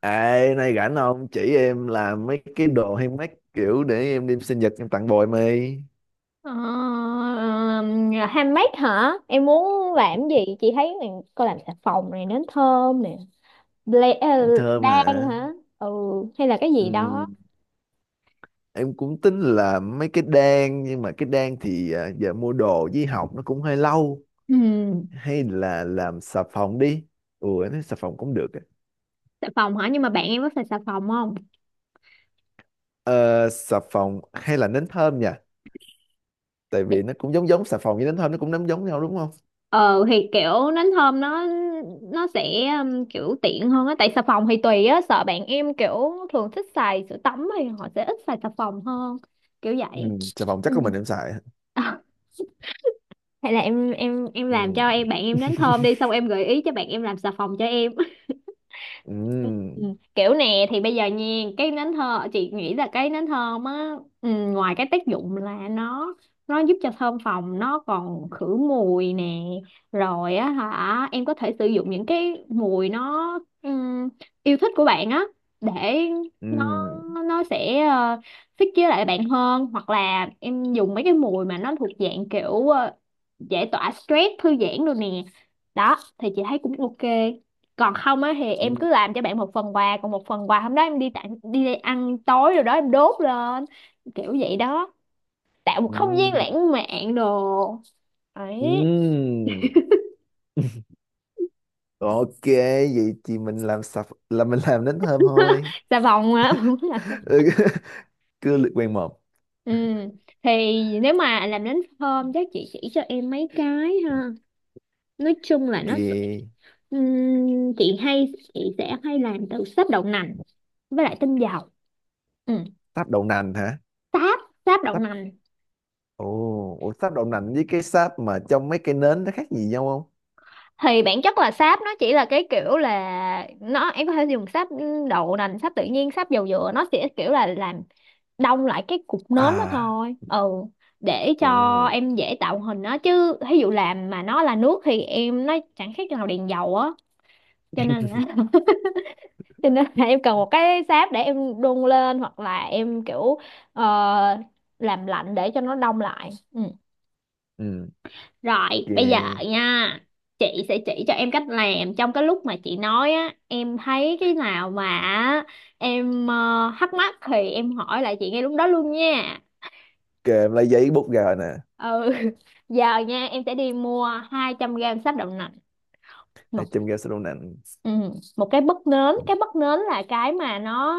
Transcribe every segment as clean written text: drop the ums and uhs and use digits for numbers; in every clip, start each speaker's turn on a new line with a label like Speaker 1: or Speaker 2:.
Speaker 1: Ê, nay rảnh không? Chỉ em làm mấy cái đồ handmade kiểu để em đem sinh nhật em tặng bồi mày.
Speaker 2: Ờ, handmade hả? Em muốn làm gì? Chị thấy này, cô làm xà phòng này, nến thơm nè, ble, ờ,
Speaker 1: Em thơm
Speaker 2: đan
Speaker 1: hả?
Speaker 2: hả? Ừ, hay là cái gì
Speaker 1: Ừm,
Speaker 2: đó.
Speaker 1: em cũng tính là mấy cái đan nhưng mà cái đan thì giờ mua đồ với học nó cũng hơi lâu.
Speaker 2: Ừ,
Speaker 1: Hay là làm xà phòng đi. Ủa, em thấy xà phòng cũng được á.
Speaker 2: xà phòng hả? Nhưng mà bạn em có xài xà phòng không?
Speaker 1: Ờ, xà phòng hay là nến thơm nha. Tại
Speaker 2: Để-
Speaker 1: vì nó cũng giống giống xà phòng với nến thơm nó cũng nấm giống nhau đúng không?
Speaker 2: Ờ thì kiểu nến thơm nó sẽ kiểu tiện hơn á, tại xà phòng thì tùy á, sợ bạn em kiểu thường thích xài sữa tắm thì họ sẽ ít xài xà phòng hơn, kiểu vậy.
Speaker 1: Xà phòng chắc
Speaker 2: Ừ.
Speaker 1: có mình em xài.
Speaker 2: Hay là em làm
Speaker 1: Ừm.
Speaker 2: cho em bạn em đến thơm đi, xong em gợi ý cho bạn em làm xà phòng cho em.
Speaker 1: Ừm.
Speaker 2: Ừ, kiểu nè thì bây giờ nha, cái nến thơm chị nghĩ là cái nến thơm á, ừ, ngoài cái tác dụng là nó giúp cho thơm phòng, nó còn khử mùi nè, rồi á hả, em có thể sử dụng những cái mùi nó ừm, yêu thích của bạn á, để nó
Speaker 1: Ừm.
Speaker 2: nó sẽ fit với lại bạn hơn, hoặc là em dùng mấy cái mùi mà nó thuộc dạng kiểu giải tỏa stress, thư giãn rồi nè, đó thì chị thấy cũng ok. Còn không á thì em cứ
Speaker 1: Ừm.
Speaker 2: làm cho bạn một phần quà, còn một phần quà hôm đó em đi tặng đi ăn tối rồi đó em đốt lên, kiểu vậy đó, tạo một không gian
Speaker 1: Ừm.
Speaker 2: lãng mạn đồ ấy.
Speaker 1: Ừm, ok vậy thì mình làm sập là mình làm đến thơm thôi.
Speaker 2: Xà phòng á.
Speaker 1: Ừ, cứ lượt quen một
Speaker 2: Ừ, thì nếu mà làm đến hôm chắc chị chỉ cho em mấy cái ha, nói chung là nó sẽ-
Speaker 1: kìa.
Speaker 2: chị hay chị sẽ hay làm từ sáp đậu nành với lại tinh dầu. Ừ.
Speaker 1: Sáp đậu nành hả?
Speaker 2: Sáp, sáp đậu
Speaker 1: Sáp.
Speaker 2: nành
Speaker 1: Ồ, ủa, sáp đậu nành với cái sáp mà trong mấy cái nến nó khác gì nhau không?
Speaker 2: thì bản chất là sáp, nó chỉ là cái kiểu là nó, em có thể dùng sáp đậu nành, sáp tự nhiên, sáp dầu dừa, nó sẽ kiểu là làm đông lại cái cục nến đó
Speaker 1: À,
Speaker 2: thôi. Ừ, để cho
Speaker 1: ừ.
Speaker 2: em dễ tạo hình nó, chứ ví dụ làm mà nó là nước thì em nó chẳng khác nào đèn dầu á, cho nên là cho nên là em cần một cái sáp để em đun lên, hoặc là em kiểu ờ, làm lạnh để cho nó đông lại. Ừ.
Speaker 1: Ừ,
Speaker 2: Rồi, bây giờ
Speaker 1: ok.
Speaker 2: nha, chị sẽ chỉ cho em cách làm, trong cái lúc mà chị nói á, em thấy cái nào mà á, em thắc mắc thì em hỏi lại chị ngay lúc đó luôn nha.
Speaker 1: Ok, em lấy giấy bút ra rồi nè.
Speaker 2: Ừ, giờ nha, em sẽ đi mua 200 gram sáp đậu nành, một
Speaker 1: Hai trăm gram sáp đậu nành.
Speaker 2: ừ, một cái bất nến là cái mà nó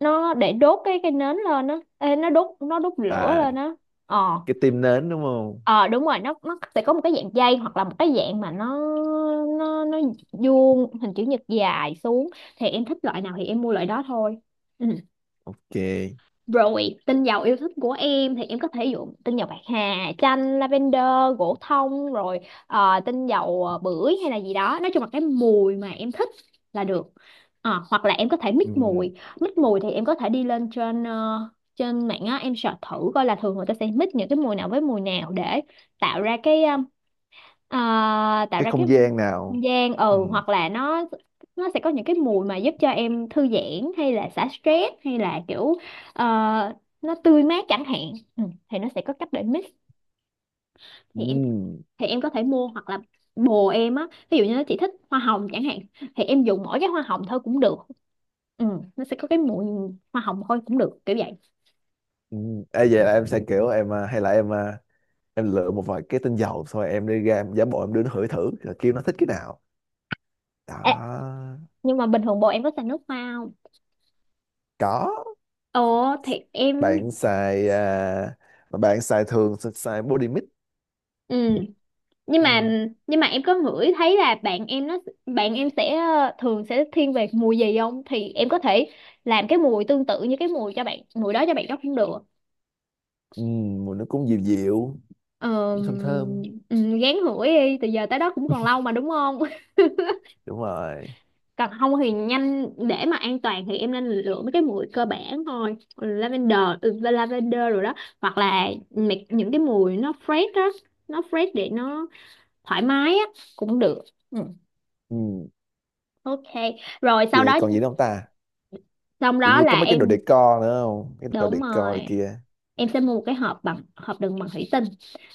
Speaker 2: nó để đốt cái nến lên á, Ê, nó đốt lửa
Speaker 1: À,
Speaker 2: lên á. Ờ.
Speaker 1: cái tim nến đúng không?
Speaker 2: Ờ đúng rồi, nó sẽ có một cái dạng dây, hoặc là một cái dạng mà nó vuông, hình chữ nhật dài xuống, thì em thích loại nào thì em mua loại đó thôi. Ừ.
Speaker 1: Ok.
Speaker 2: Rồi, tinh dầu yêu thích của em thì em có thể dùng tinh dầu bạc hà, chanh, lavender, gỗ thông, rồi tinh dầu bưởi hay là gì đó. Nói chung là cái mùi mà em thích là được. Ờ, hoặc là em có thể mix
Speaker 1: Ừm,
Speaker 2: mùi. Mix mùi thì em có thể đi lên trên trên mạng á, em search thử coi là thường người ta sẽ mix những cái mùi nào với mùi nào để tạo ra cái Ờ, tạo
Speaker 1: cái
Speaker 2: ra cái
Speaker 1: không gian
Speaker 2: không
Speaker 1: nào?
Speaker 2: gian, ừ,
Speaker 1: Ừm,
Speaker 2: hoặc là nó sẽ có những cái mùi mà giúp cho em thư giãn, hay là xả stress, hay là kiểu ờ, nó tươi mát chẳng hạn, ừ, thì nó sẽ có cách để mix. Thì em,
Speaker 1: ừm,
Speaker 2: thì em có thể mua, hoặc là bồ em á, ví dụ như nó chỉ thích hoa hồng chẳng hạn, thì em dùng mỗi cái hoa hồng thôi cũng được, ừ, nó sẽ có cái mùi hoa hồng thôi cũng được, kiểu vậy.
Speaker 1: Ê, vậy là em sẽ kiểu em à, hay là em à, em lựa một vài cái tinh dầu xong rồi em đi ra em giả bộ em đưa nó hửi thử rồi kêu nó thích cái nào
Speaker 2: Ê,
Speaker 1: đó.
Speaker 2: nhưng mà bình thường bồ em có xài nước hoa không?
Speaker 1: Có.
Speaker 2: Ồ thì em,
Speaker 1: Bạn xài mà bạn xài thường sẽ xài body mist.
Speaker 2: Ừ, nhưng mà
Speaker 1: Ừ.
Speaker 2: nhưng mà em có ngửi thấy là bạn em nó, bạn em sẽ thường sẽ thiên về mùi gì không, thì em có thể làm cái mùi tương tự như cái mùi cho bạn, mùi đó cho bạn đó cũng được.
Speaker 1: Ừ, mùi nó cũng dịu dịu,
Speaker 2: Ờ,
Speaker 1: cũng thơm thơm.
Speaker 2: ừ, gán hủi đi, từ giờ tới đó cũng còn lâu mà đúng không?
Speaker 1: Đúng rồi.
Speaker 2: Còn không thì nhanh, để mà an toàn thì em nên lựa mấy cái mùi cơ bản thôi, lavender ừ, lavender rồi đó, hoặc là mấy- những cái mùi nó fresh đó, nó fresh để nó thoải mái á cũng được. Ừ.
Speaker 1: Ừ.
Speaker 2: Ok, rồi sau
Speaker 1: Kìa
Speaker 2: đó,
Speaker 1: còn gì nữa không ta?
Speaker 2: xong
Speaker 1: Kiểu
Speaker 2: đó
Speaker 1: như có
Speaker 2: là
Speaker 1: mấy cái đồ
Speaker 2: em,
Speaker 1: decor nữa không, cái đồ
Speaker 2: đúng
Speaker 1: decor này
Speaker 2: rồi,
Speaker 1: kia.
Speaker 2: em sẽ mua một cái hộp bằng, hộp đựng bằng thủy tinh,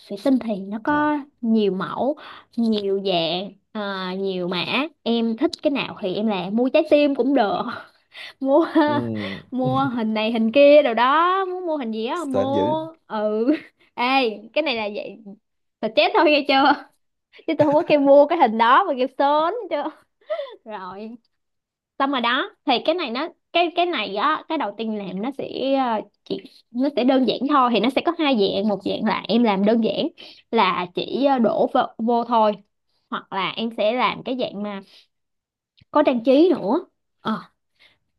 Speaker 2: thủy tinh thì nó có
Speaker 1: À.
Speaker 2: nhiều mẫu, nhiều dạng à, nhiều mã, em thích cái nào thì em làm, mua trái tim cũng được, mua,
Speaker 1: Ừ.
Speaker 2: mua hình này hình kia đồ đó, muốn mua hình gì á
Speaker 1: Sến dữ.
Speaker 2: mua. Ừ. Ê, cái này là vậy là chết thôi nghe chưa, chứ tôi không có kêu mua cái hình đó mà kêu sớm chưa. Rồi, xong rồi đó, thì cái này nó, cái này á, cái đầu tiên làm nó sẽ chỉ, nó sẽ đơn giản thôi, thì nó sẽ có hai dạng, một dạng là em làm đơn giản là chỉ đổ vô, vô thôi, hoặc là em sẽ làm cái dạng mà có trang trí nữa. Ờ.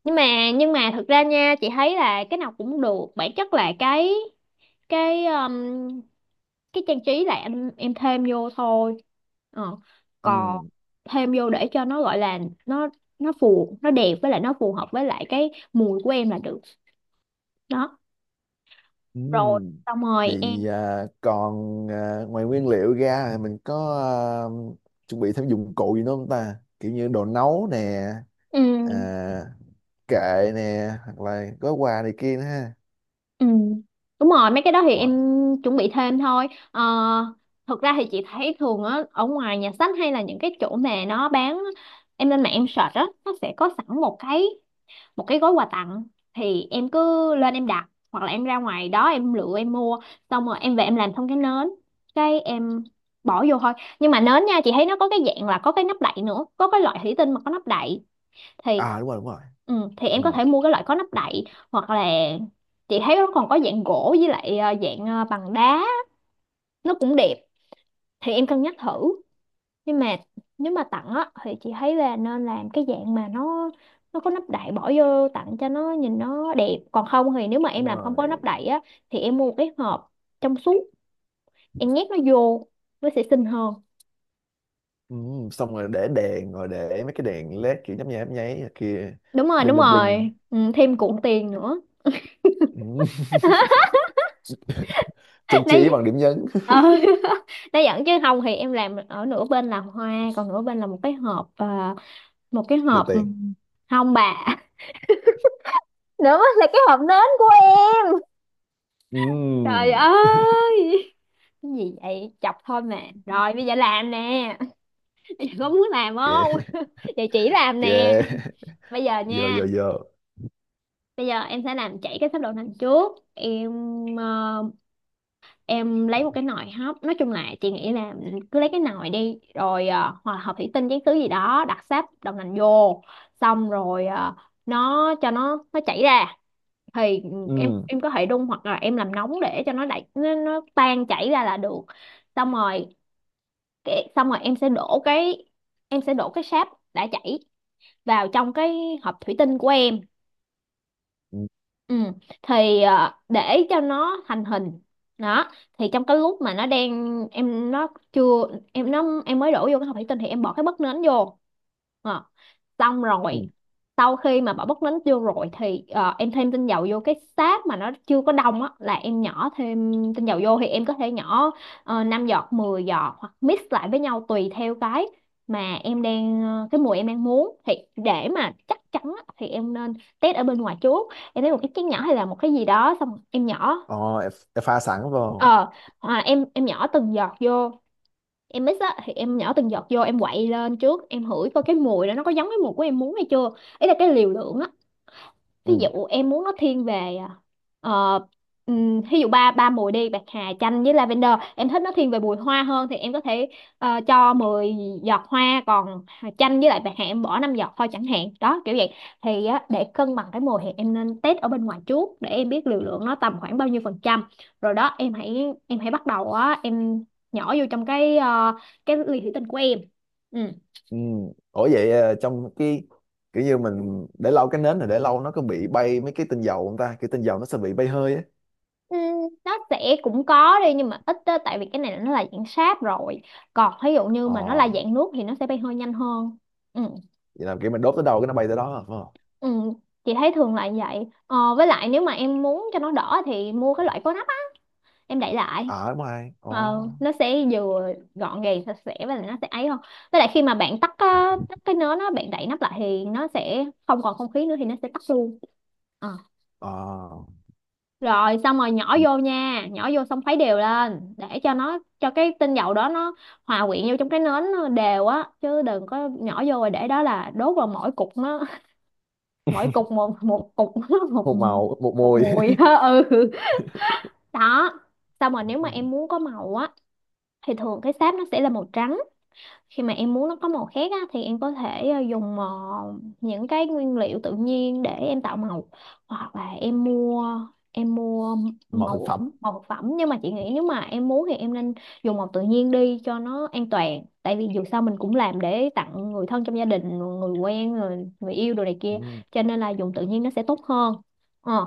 Speaker 2: Nhưng mà, thực ra nha, chị thấy là cái nào cũng được, bản chất là cái, cái um, cái trang trí là em thêm vô thôi, ờ. Còn
Speaker 1: Ừ.
Speaker 2: thêm vô để cho nó gọi là nó nó phù, nó đẹp với lại nó phù hợp với lại cái mùi của em là được đó. Rồi,
Speaker 1: Ừm,
Speaker 2: xong rồi em,
Speaker 1: vậy ngoài nguyên liệu ra thì mình có chuẩn bị thêm dụng cụ gì nữa không ta? Kiểu như đồ nấu nè,
Speaker 2: ừ,
Speaker 1: à, kệ nè, hoặc là gói quà này kia nữa ha.
Speaker 2: ừ, đúng rồi, mấy cái đó thì em
Speaker 1: Wow.
Speaker 2: chuẩn bị thêm thôi, ờ, thực ra thì chị thấy thường á, ở ngoài nhà sách hay là những cái chỗ mà nó bán, em lên mạng em search á, nó sẽ có sẵn một cái, một cái gói quà tặng, thì em cứ lên em đặt hoặc là em ra ngoài đó em lựa em mua, xong rồi em về em làm xong cái nến cái em bỏ vô thôi. Nhưng mà nến nha, chị thấy nó có cái dạng là có cái nắp đậy nữa, có cái loại thủy tinh mà có nắp đậy thì
Speaker 1: À đúng rồi, đúng rồi.
Speaker 2: ừ, thì em có
Speaker 1: Ừ,
Speaker 2: thể mua cái loại có nắp đậy, hoặc là chị thấy nó còn có dạng gỗ với lại dạng bằng đá, nó cũng đẹp, thì em cân nhắc thử. Nhưng mà nếu mà tặng á thì chị thấy là nên làm cái dạng mà nó có nắp đậy bỏ vô tặng cho nó nhìn nó đẹp, còn không thì nếu mà em
Speaker 1: đúng
Speaker 2: làm không có nắp
Speaker 1: rồi.
Speaker 2: đậy á thì em mua một cái hộp trong suốt em nhét nó vô, nó sẽ xinh hơn.
Speaker 1: Ừ, xong rồi để đèn, rồi để mấy cái đèn LED kiểu nhấp nháy này kia,
Speaker 2: Đúng rồi,
Speaker 1: bling
Speaker 2: đúng
Speaker 1: bling bling.
Speaker 2: rồi, ừ, thêm cuộn tiền nữa.
Speaker 1: Ừ. Trang trí bằng
Speaker 2: Đấy,
Speaker 1: điểm nhấn,
Speaker 2: ờ. Đấy dẫn, chứ không thì em làm ở nửa bên là hoa, còn nửa bên là một cái hộp à, một cái
Speaker 1: được
Speaker 2: hộp ừ,
Speaker 1: tiền.
Speaker 2: hông bà. Nữa là cái hộp nến của em.
Speaker 1: Ừ,
Speaker 2: Trời ơi, cái gì vậy, chọc thôi mà. Rồi bây giờ làm nè. Bây có muốn làm
Speaker 1: kệ,
Speaker 2: không? Vậy chỉ làm nè,
Speaker 1: kệ,
Speaker 2: bây giờ
Speaker 1: vô vô
Speaker 2: nha,
Speaker 1: vô.
Speaker 2: bây giờ em sẽ làm chảy cái sáp đậu nành trước, em ờ, em lấy một cái nồi hấp, nói chung là chị nghĩ là cứ lấy cái nồi đi, rồi hoặc là hộp thủy tinh, chén thứ gì đó, đặt sáp đậu nành vô, xong rồi nó cho nó chảy ra, thì em
Speaker 1: Ừ.
Speaker 2: em có thể đun hoặc là em làm nóng để cho nó đẩy nó tan chảy ra là được. Xong rồi cái, xong rồi em sẽ đổ cái, em sẽ đổ cái sáp đã chảy vào trong cái hộp thủy tinh của em.
Speaker 1: Ừ,
Speaker 2: Ừ. Thì để cho nó thành hình. Đó thì trong cái lúc mà nó đang em nó chưa em nó em mới đổ vô cái hộp thủy tinh thì em bỏ cái bất nến vô. Ờ, Xong
Speaker 1: ừ.
Speaker 2: rồi, sau khi mà bỏ bớt đánh vô rồi thì em thêm tinh dầu vô cái sáp mà nó chưa có đông á, là em nhỏ thêm tinh dầu vô thì em có thể nhỏ 5 giọt, 10 giọt hoặc mix lại với nhau tùy theo cái mà em đang cái mùi em đang muốn. Thì để mà chắc chắn á, thì em nên test ở bên ngoài trước. Em lấy một cái chén nhỏ hay là một cái gì đó xong em nhỏ.
Speaker 1: Ờ, em pha sẵn vào.
Speaker 2: Ờ à, em em nhỏ từng giọt vô, em mix á thì em nhỏ từng giọt vô, em quậy lên trước, em hửi coi cái mùi đó nó có giống cái mùi của em muốn hay chưa. Ý là cái liều lượng á. Ví
Speaker 1: Ừ.
Speaker 2: dụ em muốn nó thiên về ờ, ví dụ ba ba mùi đi, bạc hà, chanh với lavender. Em thích nó thiên về mùi hoa hơn thì em có thể cho 10 giọt hoa, còn chanh với lại bạc hà em bỏ 5 giọt thôi chẳng hạn, đó kiểu vậy. Thì á, để cân bằng cái mùi thì em nên test ở bên ngoài trước để em biết liều lượng nó tầm khoảng bao nhiêu phần trăm. Rồi đó em hãy bắt đầu á, em nhỏ vô trong cái cái ly thủy tinh của em. Ừ.
Speaker 1: Ừ. Ủa vậy trong cái kiểu như mình để lâu, cái nến này để lâu nó có bị bay mấy cái tinh dầu không ta? Kiểu tinh dầu nó sẽ bị bay hơi á.
Speaker 2: Ừ, nó sẽ cũng có đi nhưng mà ít á, tại vì cái này là nó là dạng sáp rồi, còn ví dụ như
Speaker 1: Ờ,
Speaker 2: mà nó là dạng nước thì nó sẽ bay hơi nhanh hơn. Ừ.
Speaker 1: vậy là kiểu mình đốt tới đâu cái nó bay tới đó, à, phải không?
Speaker 2: Ừ. Chị thấy thường là vậy. Ờ, với lại nếu mà em muốn cho nó đỏ thì mua cái loại có nắp á, em đậy lại.
Speaker 1: Ờ, đúng rồi. Ờ,
Speaker 2: Nó sẽ vừa gọn gàng sạch sẽ và nó sẽ ấy hơn. Với lại khi mà bạn tắt á, tắt cái nến á, bạn đậy nắp lại thì nó sẽ không còn không khí nữa thì nó sẽ tắt luôn. Ờ.
Speaker 1: ờ.
Speaker 2: Rồi xong rồi nhỏ
Speaker 1: Ừ.
Speaker 2: vô nha, nhỏ vô xong khuấy đều lên để cho nó, cho cái tinh dầu đó nó hòa quyện vô trong cái nến nó đều á, chứ đừng có nhỏ vô rồi để đó là đốt vào mỗi cục nó mỗi cục, một một cục nó một
Speaker 1: Một màu, một
Speaker 2: một
Speaker 1: mùi.
Speaker 2: mùi ừ. Đó, xong rồi nếu mà
Speaker 1: Ừ.
Speaker 2: em muốn có màu á, thì thường cái sáp nó sẽ là màu trắng. Khi mà em muốn nó có màu khác á, thì em có thể dùng những cái nguyên liệu tự nhiên để em tạo màu, hoặc là em mua
Speaker 1: Màu thực
Speaker 2: màu
Speaker 1: phẩm.
Speaker 2: màu thực phẩm. Nhưng mà chị nghĩ nếu mà em muốn thì em nên dùng màu tự nhiên đi cho nó an toàn, tại vì dù sao mình cũng làm để tặng người thân trong gia đình, người quen, người yêu đồ này kia,
Speaker 1: Ừ.
Speaker 2: cho nên là dùng tự nhiên nó sẽ tốt hơn. ờ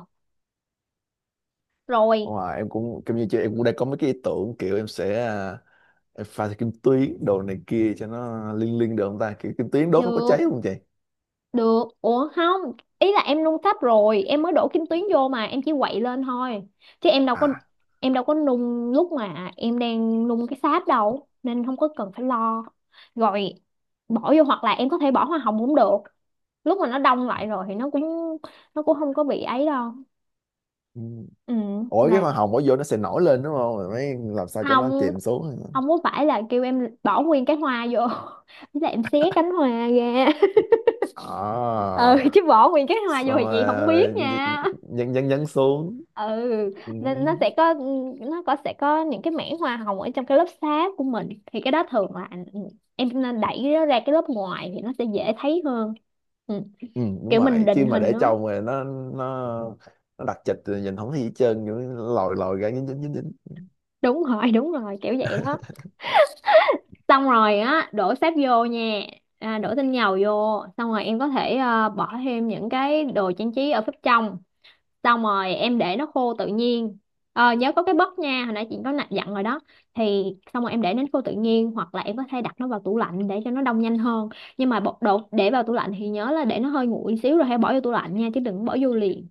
Speaker 2: Rồi
Speaker 1: Ờ, em cũng kiểu như chị, em cũng đang có mấy cái ý tưởng kiểu em sẽ em pha thêm kim tuyến đồ này kia cho nó liên liên được không ta? Kiểu kim tuyến đốt nó có cháy
Speaker 2: được.
Speaker 1: không chị?
Speaker 2: Được, ủa không, ý là em nung sắp rồi, em mới đổ kim tuyến vô mà, em chỉ quậy lên thôi. Chứ em đâu có,
Speaker 1: À.
Speaker 2: em đâu có nung lúc mà em đang nung cái sáp đâu, nên không có cần phải lo. Rồi bỏ vô, hoặc là em có thể bỏ hoa hồng cũng được. Lúc mà nó đông lại rồi thì nó cũng, nó cũng không có bị ấy đâu.
Speaker 1: Ừ.
Speaker 2: Ừ,
Speaker 1: Ủa cái
Speaker 2: là
Speaker 1: hoa hồng bỏ vô nó sẽ nổi lên đúng không? Rồi mới làm sao cho nó
Speaker 2: không
Speaker 1: chìm xuống?
Speaker 2: không có phải là kêu em bỏ nguyên cái hoa vô. Thế là em xé cánh hoa ra.
Speaker 1: À,
Speaker 2: Ừ, chứ bỏ nguyên cái hoa vô
Speaker 1: xong
Speaker 2: thì chị
Speaker 1: rồi
Speaker 2: không biết
Speaker 1: ờ,
Speaker 2: nha.
Speaker 1: nhấn nhấn nhấn xuống.
Speaker 2: Ừ,
Speaker 1: Ừ.
Speaker 2: nên nó sẽ có, nó sẽ có những cái mảng hoa hồng ở trong cái lớp sáp của mình, thì cái đó thường là em nên đẩy nó ra cái lớp ngoài thì nó sẽ dễ thấy hơn. Ừ.
Speaker 1: Ừ, đúng
Speaker 2: Kiểu mình
Speaker 1: rồi, chứ
Speaker 2: định
Speaker 1: mà
Speaker 2: hình
Speaker 1: để
Speaker 2: nó.
Speaker 1: trồng rồi nó nó đặc trịch rồi nhìn không thấy gì hết trơn, kiểu lòi lòi ra dính dính dính dính.
Speaker 2: Đúng rồi đúng rồi kiểu vậy đó. Xong rồi á, đổ sáp vô nha, à, đổ tinh dầu vô xong rồi em có thể bỏ thêm những cái đồ trang trí ở phía trong, xong rồi em để nó khô tự nhiên. Nhớ có cái bất nha, hồi nãy chị có dặn rồi đó. Thì xong rồi em để nó khô tự nhiên, hoặc là em có thể đặt nó vào tủ lạnh để cho nó đông nhanh hơn. Nhưng mà bột đồ để vào tủ lạnh thì nhớ là để nó hơi nguội xíu rồi hãy bỏ vô tủ lạnh nha, chứ đừng bỏ vô liền.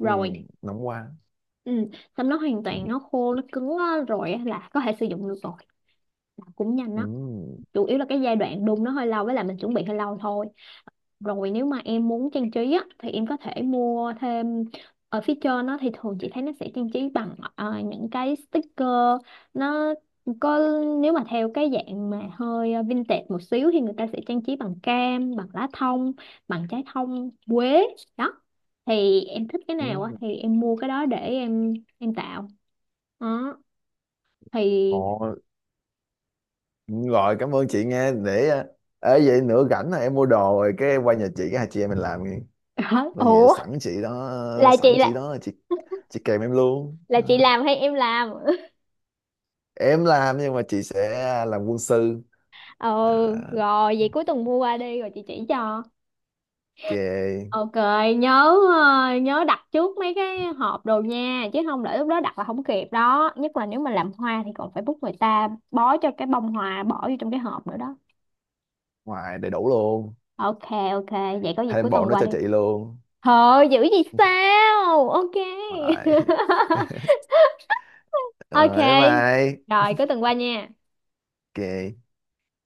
Speaker 1: Ừ, nóng quá.
Speaker 2: Ừ. Xong nó hoàn
Speaker 1: Ừ.
Speaker 2: toàn nó khô nó cứng á, rồi á là có thể sử dụng được rồi. Làm cũng nhanh đó, chủ yếu là cái giai đoạn đun nó hơi lâu với là mình chuẩn bị hơi lâu thôi. Rồi nếu mà em muốn trang trí á, thì em có thể mua thêm ở phía trên nó. Thì thường chị thấy nó sẽ trang trí bằng những cái sticker. Nó có, nếu mà theo cái dạng mà hơi vintage một xíu thì người ta sẽ trang trí bằng cam, bằng lá thông, bằng trái thông, quế đó. Thì em thích cái nào á
Speaker 1: Ừ.
Speaker 2: thì em mua cái đó để em tạo. Đó thì
Speaker 1: Ồ, rồi cảm ơn chị nghe. Để ê vậy nữa rảnh là em mua đồ rồi cái qua nhà chị cái hai chị em mình làm nghe. Bây giờ
Speaker 2: ủa
Speaker 1: sẵn chị đó, sẵn chị đó chị kèm em luôn đó. Em làm nhưng mà chị sẽ làm quân sư.
Speaker 2: ờ
Speaker 1: À,
Speaker 2: rồi, vậy cuối tuần mua qua đi rồi chị chỉ cho.
Speaker 1: kề
Speaker 2: Ok, nhớ, nhớ đặt trước mấy cái hộp đồ nha, chứ không để lúc đó đặt là không kịp đó. Nhất là nếu mà làm hoa thì còn phải bút người ta bó cho cái bông hoa bỏ vô trong cái hộp nữa đó.
Speaker 1: ngoài đầy đủ luôn,
Speaker 2: Ok, ok, vậy có gì cuối
Speaker 1: thêm bộ
Speaker 2: tuần
Speaker 1: nó
Speaker 2: qua
Speaker 1: cho
Speaker 2: đi.
Speaker 1: chị luôn
Speaker 2: Thôi, dữ gì sao? Ok.
Speaker 1: ngoài.
Speaker 2: Ok.
Speaker 1: Ờ, em mày
Speaker 2: Rồi, cuối tuần qua nha.
Speaker 1: kệ.